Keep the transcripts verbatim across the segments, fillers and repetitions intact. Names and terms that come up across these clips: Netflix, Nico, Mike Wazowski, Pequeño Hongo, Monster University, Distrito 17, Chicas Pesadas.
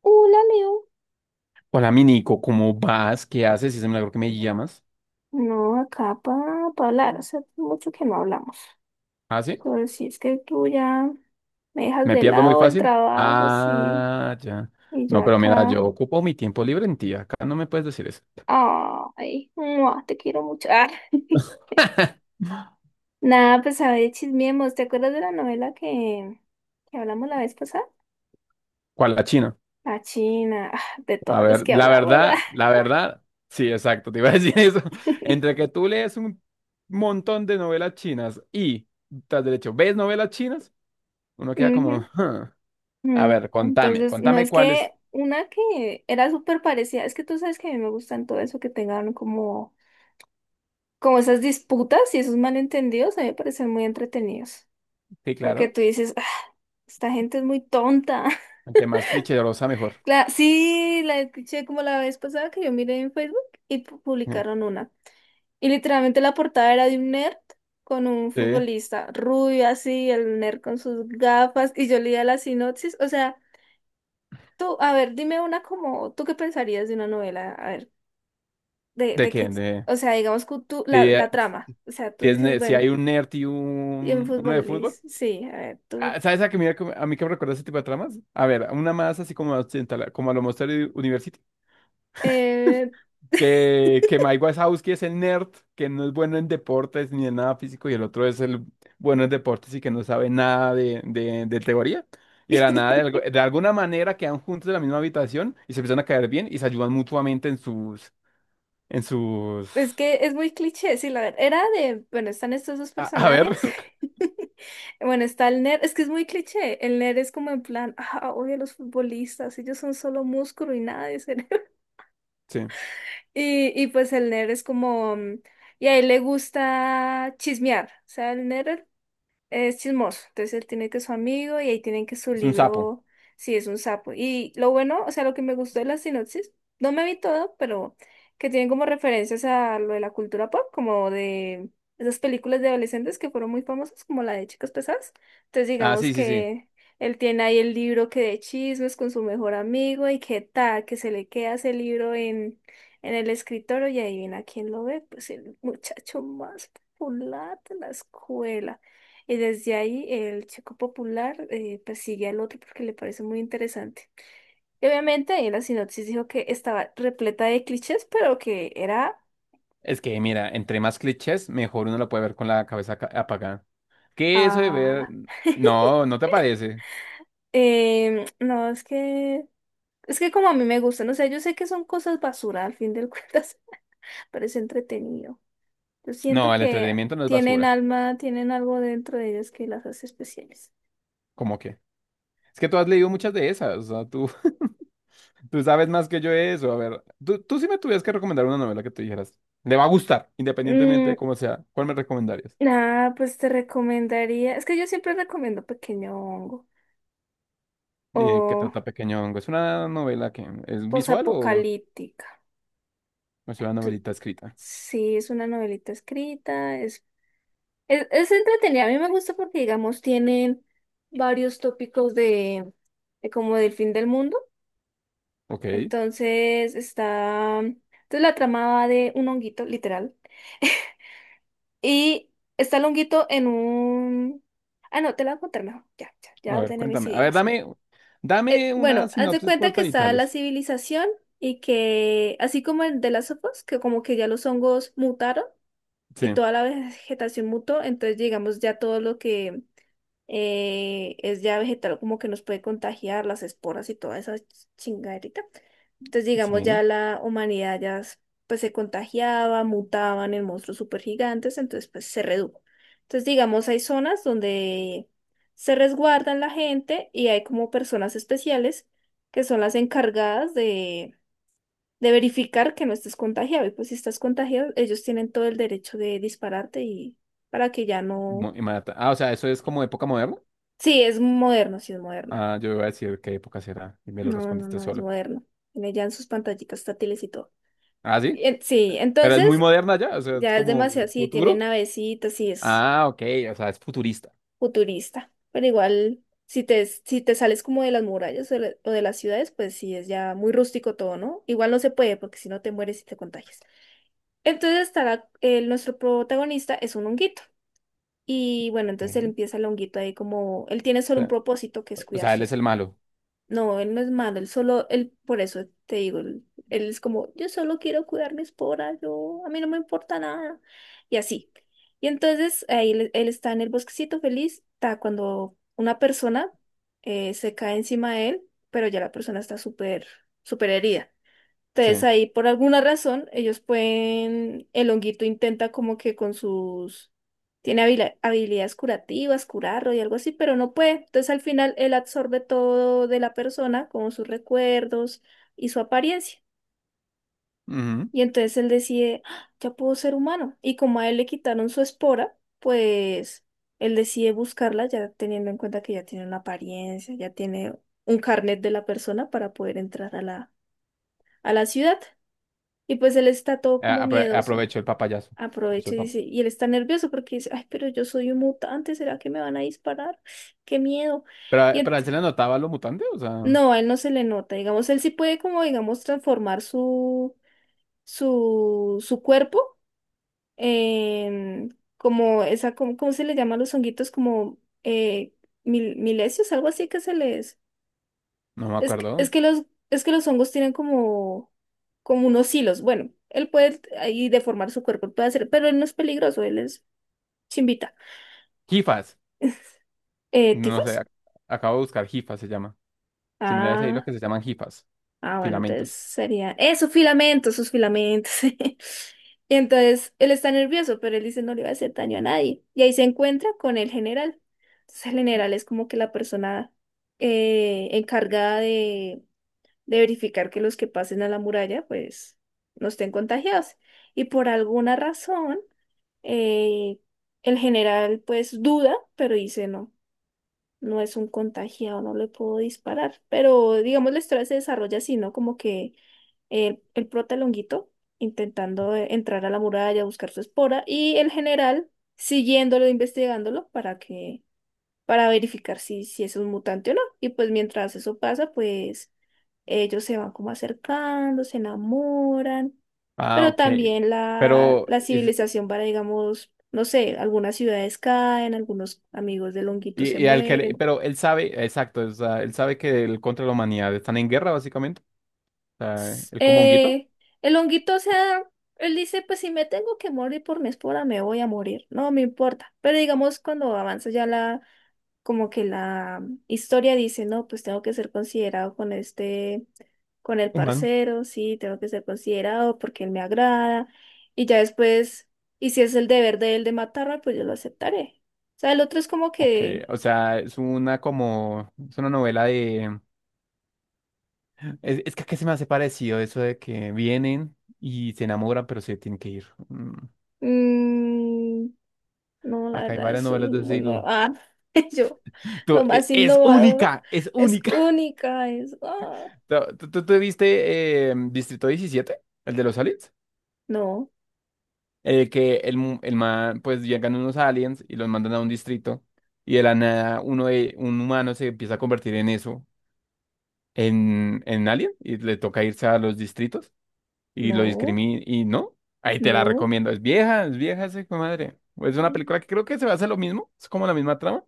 Hola, Leo. Hola, mi Nico, ¿cómo vas? ¿Qué haces? Es un milagro que me llamas. No, acá para hablar. Hace mucho que no hablamos. ¿Ah, sí? Sobre si es que tú ya me dejas ¿Me de pierdo muy lado el fácil? trabajo, sí. Ah, ya. Y yo No, pero mira, yo acá. ocupo mi tiempo libre en ti. Acá no me puedes decir eso. Ay, mua, te quiero mucho. Ah. Nada, pues a ver, chismeemos. ¿Te acuerdas de la novela que, que hablamos la vez pasada? ¿Cuál la China? La China, ah, de A todas las ver, que la hablamos. Ah. verdad, la verdad, sí, exacto, te iba a decir eso. Entre que tú lees un montón de novelas chinas y, tras derecho, ¿ves novelas chinas? Uno queda como, Ujú. "Huh". A Mm, ver, contame, Entonces, no contame es cuál es. que una que era súper parecida, es que tú sabes que a mí me gustan todo eso que tengan como como esas disputas y esos malentendidos a mí me parecen muy entretenidos. Sí, Porque claro, tú dices, "Ah, esta gente es muy tonta". entre más cliché mejor. La, sí, la escuché como la vez pasada que yo miré en Facebook y pu- Mm. publicaron una. Y literalmente la portada era de un nerd con un Sí. futbolista rubio así, el nerd con sus gafas, y yo leía la sinopsis. O sea, tú, a ver, dime una como, ¿tú qué pensarías de una novela? A ver, de, ¿De de qué? que, De... o sea, digamos que tú, la, Sí, eh, la trama. O sea, tú Si, es dices, ne- si bueno. hay un nerd y Y en un, uno de fútbol, fútbol. Luis. Sí, a ver, tú. Ah, ¿sabes a, que me a mí que me recuerda ese tipo de tramas? A ver, una más así como occidental, como a lo Monster University. eh, Que, que Mike Wazowski es el nerd, que no es bueno en deportes ni en nada físico, y el otro es el bueno en deportes y que no sabe nada de, de, de teoría. Y de la nada, de, algo- de alguna manera quedan juntos en la misma habitación y se empiezan a caer bien y se ayudan mutuamente en sus, en sus, Es que es muy cliché, sí, la verdad. Era de, bueno, están estos dos a, a personajes. ver, Bueno, está el nerd, es que es muy cliché. El nerd es como en plan, ah, odio a los futbolistas, ellos son solo músculo y nada de cerebro. sí, Y, y pues el nerd es como, mm, y a él le gusta chismear. O sea, el nerd es chismoso, entonces él tiene que su amigo y ahí tienen que su es un sapo. libro, si es un sapo. Y lo bueno, o sea, lo que me gustó de la sinopsis, no me vi todo, pero que tienen como referencias a lo de la cultura pop, como de esas películas de adolescentes que fueron muy famosas, como la de Chicas Pesadas. Entonces Ah, digamos sí, sí, sí. que él tiene ahí el libro que de chismes con su mejor amigo y que tal, que se le queda ese libro en, en el escritorio y adivina quién lo ve, pues el muchacho más popular de la escuela. Y desde ahí el Chico Popular eh, persigue al otro porque le parece muy interesante. Y obviamente ahí en la sinopsis dijo que estaba repleta de clichés, pero que era... Es que, mira, entre más clichés, mejor uno lo puede ver con la cabeza ca- apagada. ¿Qué eso de ver? Ah, No, no te parece. em, no, es que... Es que como a mí me gustan, o sea, yo sé que son cosas basura, al fin del cuentas, pero es entretenido. Yo siento No, el que entretenimiento no es tienen basura. alma, tienen algo dentro de ellas que las hace especiales. ¿Cómo que? Es que tú has leído muchas de esas. O sea, tú, tú sabes más que yo de eso. A ver, tú, tú sí me tuvieras que recomendar una novela que tú dijeras. Le va a gustar, independientemente Mm, de cómo sea. ¿Cuál me recomendarías? nada, pues te recomendaría... Es que yo siempre recomiendo Pequeño Hongo. Eh, ¿qué O trata Pequeño Hongo? ¿Es una novela que es visual o posapocalíptica. es una Tu- novelita escrita? Sí, es una novelita escrita, es, es, es entretenida. A mí me gusta porque, digamos, tienen varios tópicos de, de como del fin del mundo. Ok. Entonces está, entonces la trama va de un honguito, literal. Y está el honguito en un... Ah, no, te la voy a contar mejor. Ya, ya, A ya ver, ordené mis cuéntame. A ver, ideas. dame, Eh, dame una bueno, haz de sinopsis cuenta que corta y está la tales. civilización y que, así como el de las sofos, que como que ya los hongos mutaron. Y Sí. toda la vegetación mutó, entonces digamos ya todo lo que eh, es ya vegetal como que nos puede contagiar las esporas y toda esa chingaderita. Entonces digamos Sí, ya la humanidad ya s- pues se contagiaba, mutaban en monstruos supergigantes, entonces pues se redujo. Entonces digamos hay zonas donde se resguardan la gente y hay como personas especiales que son las encargadas de verificar que no estés contagiado. Y pues si estás contagiado, ellos tienen todo el derecho de dispararte y para que ya no. mu- y mata. Ah, o sea, ¿eso es como época moderna? Sí, es moderno, sí es moderno. Ah, yo iba a decir qué época será y me lo No, no, respondiste no, es solo. moderno. Tiene ya en sus pantallitas táctiles y todo. Ah, sí, Y en- Sí, pero es muy entonces moderna ya, o sea, es ya es como demasiado, sí, tiene futuro. navecitas, sí es Ah, ok, o sea, es futurista. futurista. Pero igual, si te, si te sales como de las murallas o de, la- o de las ciudades, pues sí es ya muy rústico todo, ¿no? Igual no se puede porque si no te mueres y te contagias. Entonces estará, eh, nuestro protagonista es un honguito. Y bueno, Ok. entonces él O empieza el honguito ahí como, él tiene solo un sea, propósito que es o cuidar sea, él su es el esposa. malo. No, él no es malo, él solo, él, por eso te digo, él, él es como, yo solo quiero cuidar mi espora, yo, a mí no me importa nada. Y así. Y entonces ahí él, él está en el bosquecito feliz, está cuando una persona eh, se cae encima de él, pero ya la persona está súper, súper herida. Sí. Entonces ahí por alguna razón ellos pueden, el honguito intenta como que con sus, tiene habila- habilidades curativas, curarlo y algo así, pero no puede. Entonces al final él absorbe todo de la persona, como sus recuerdos y su apariencia. Ujú. Y entonces él decide, "Ah, ya puedo ser humano". Y como a él le quitaron su espora, pues él decide buscarla ya teniendo en cuenta que ya tiene una apariencia, ya tiene un carnet de la persona para poder entrar a la, a la ciudad. Y pues él está todo A- como apro- miedoso. Aprovechó el papayazo. Aprovechó Aprovecha el y pap- dice, y él está nervioso porque dice, ay, pero yo soy un mutante, ¿será que me van a disparar? ¡Qué miedo! Y Pero, pero a ent- él se le notaba lo mutante, o sea, no no, a él no se le nota, digamos, él sí puede como, digamos, transformar su, su, su cuerpo en como esa, como, ¿cómo se le llaman los honguitos? Como eh, mil- milesios, algo así que se les... me Es que, es acuerdo. que los, es que los hongos tienen como, como unos hilos. Bueno, él puede ahí deformar su cuerpo, puede hacer, pero él no es peligroso, él es chimbita. Jifas, Eh, no sé, ¿tifos? ac- acabo de buscar jifas se llama. Similares ahí lo Ah, que se llaman jifas, ah, bueno, entonces filamentos. sería. ¡Eh, sus filamentos, sus filamentos! Y entonces él está nervioso, pero él dice no le va a hacer daño a nadie. Y ahí se encuentra con el general. Entonces el general es como que la persona eh, encargada de verificar que los que pasen a la muralla pues no estén contagiados. Y por alguna razón, eh, el general pues duda, pero dice no, no es un contagiado, no le puedo disparar. Pero digamos la historia se desarrolla así, ¿no? Como que el, el prota Longuito intentando eh, entrar a la muralla, buscar su espora, y el general siguiéndolo, investigándolo para que, para verificar si, si es un mutante o no. Y pues mientras eso pasa, pues ellos se van como acercando, se enamoran, Ah, pero ok. también la, Pero la civilización va, digamos, no sé, algunas ciudades caen, algunos amigos de Longuito Y, se y al que le- mueren. pero él sabe, exacto, o sea, él sabe que el contra la humanidad están en guerra, básicamente. O sea, el como honguito Eh, el honguito, o sea, él dice, pues si me tengo que morir por mi espora, me voy a morir, no me importa. Pero digamos, cuando avanza ya la, como que la historia dice, no, pues tengo que ser considerado con este, con el humano. parcero, sí, tengo que ser considerado porque él me agrada. Y ya después, y si es el deber de él de matarme, pues yo lo aceptaré. O sea, el otro es como Ok, que... o sea, es una como, es una novela de, es, es que aquí se me hace parecido eso de que vienen y se enamoran, pero se tienen que ir. Mm, mm, no, la acá hay verdad, varias eso es novelas de ese muy nuevo. estilo. Ah, yo, Tú, lo e- más es innovador única, es es única. única, es, ah, ¿Tú, tú, tú- tú viste eh, Distrito diecisiete? ¿El de los aliens? no, eh, que el, mu- el man, pues llegan unos aliens y los mandan a un distrito y de la nada uno de, un humano se empieza a convertir en eso, en, en alien y le toca irse a los distritos y lo no, discriminan y no, ahí te la no. recomiendo, es vieja, es vieja esa hijo de madre. Es una Mm. película que creo que se va a hacer lo mismo, es como la misma trama,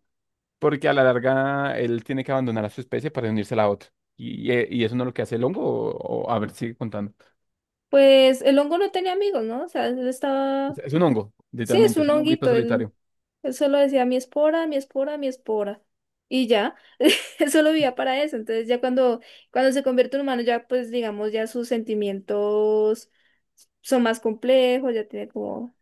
porque a la larga él tiene que abandonar a su especie para unirse a la otra. Y, y y eso no es lo que hace el hongo, o, o- a ver, sigue contando. Pues el hongo no tenía amigos, ¿no? O sea, él Es, estaba, es un hongo, sí, es literalmente, es un un honguito honguito, él, solitario. él solo decía mi espora, mi espora, mi espora. Y ya, él solo vivía para eso. Entonces ya cuando, cuando se convierte en humano, ya pues digamos, ya sus sentimientos son más complejos, ya tiene como...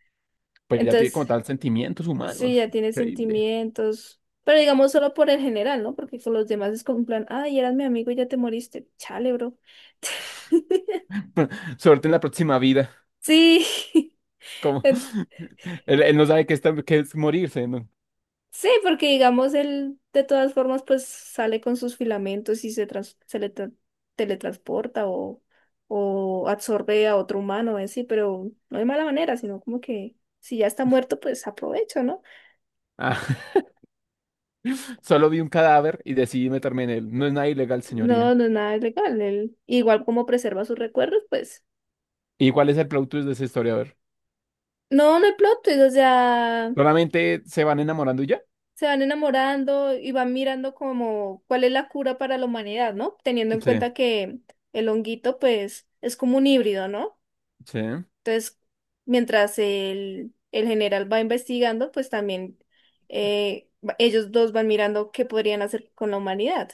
Pues ya tiene Entonces como tal sentimientos sí, humanos. ya tiene Increíble. sentimientos, pero digamos solo por el general, ¿no? Porque con los demás es como un plan, ay, eras mi amigo y ya te moriste. Chale, bro. Suerte en la próxima vida. Sí, Como en- él, él no sabe qué, está, qué es morirse, ¿no? sí, porque digamos él de todas formas pues sale con sus filamentos y se, trans- se le tra- teletransporta o, o absorbe a otro humano, ¿eh? Sí, pero no de mala manera, sino como que si ya está muerto pues aprovecho, ¿no? Ah, solo vi un cadáver y decidí meterme en él. No es nada ilegal, No, señoría. no es nada ilegal. Él, igual como preserva sus recuerdos, pues ¿Y cuál es el plot twist de esa historia? A ver. no, no hay plot twist, o sea... Solamente se van enamorando y ya. Se van enamorando y van mirando como cuál es la cura para la humanidad, ¿no? Teniendo en Sí, cuenta que el honguito, pues, es como un híbrido, ¿no? sí. Entonces, mientras el, el general va investigando, pues también eh, va- ellos dos van mirando qué podrían hacer con la humanidad.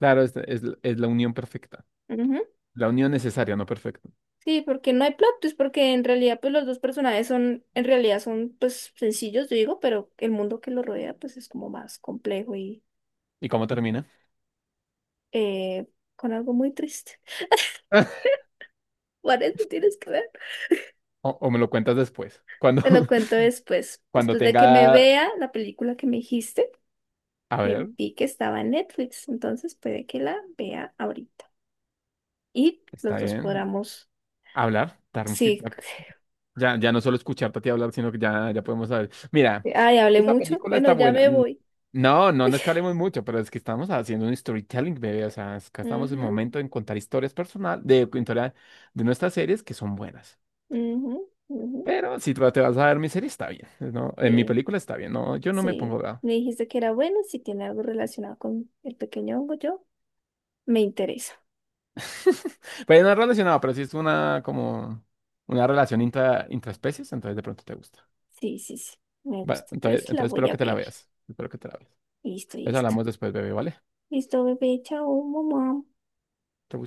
Claro, es, es, es la unión perfecta. Ujú. La unión necesaria, no perfecta. Sí, porque no hay plot twist, porque en realidad, pues, los dos personajes son, en realidad son, pues, sencillos, yo digo, pero el mundo que los rodea, pues, es como más complejo y ¿Y cómo termina? eh, con algo muy triste. Por eso tienes que ver. O, o me lo cuentas después. Cuando, Te lo cuento después. cuando Después de que me tenga. vea la película que me dijiste, A que ver, vi que estaba en Netflix. Entonces puede que la vea ahorita. Y los está dos bien. podamos. Hablar, dar un Sí. feedback. Ya, ya no solo escucharte a ti hablar, sino que ya, ya podemos saber. Mira, Ay, hablé esta mucho. película Bueno, está ya buena. me N- voy. No, no, no es que hablemos mucho, pero es que estamos haciendo un storytelling, bebé. O sea, es que estamos en el Ujú, momento en contar historias personales, de contar de nuestras series que son buenas. ujú, ujú. Pero si tú te vas a ver mi serie, está bien. ¿No? En mi Sí, película está bien. No, yo no me sí. pongo bravo. Me dijiste que era bueno. Si tiene algo relacionado con el pequeño hongo, yo me interesa. Pero no es relacionado, pero sí es una como una relación intra, intraespecies, entonces de pronto te gusta. Sí, sí, sí. Me Bueno, gusta. entonces, Entonces la entonces voy espero a que te la ver. veas. Espero que te la veas. Listo, Pues listo. hablamos después, bebé, ¿vale? Listo, bebé. Chao, mamá. Te gusta.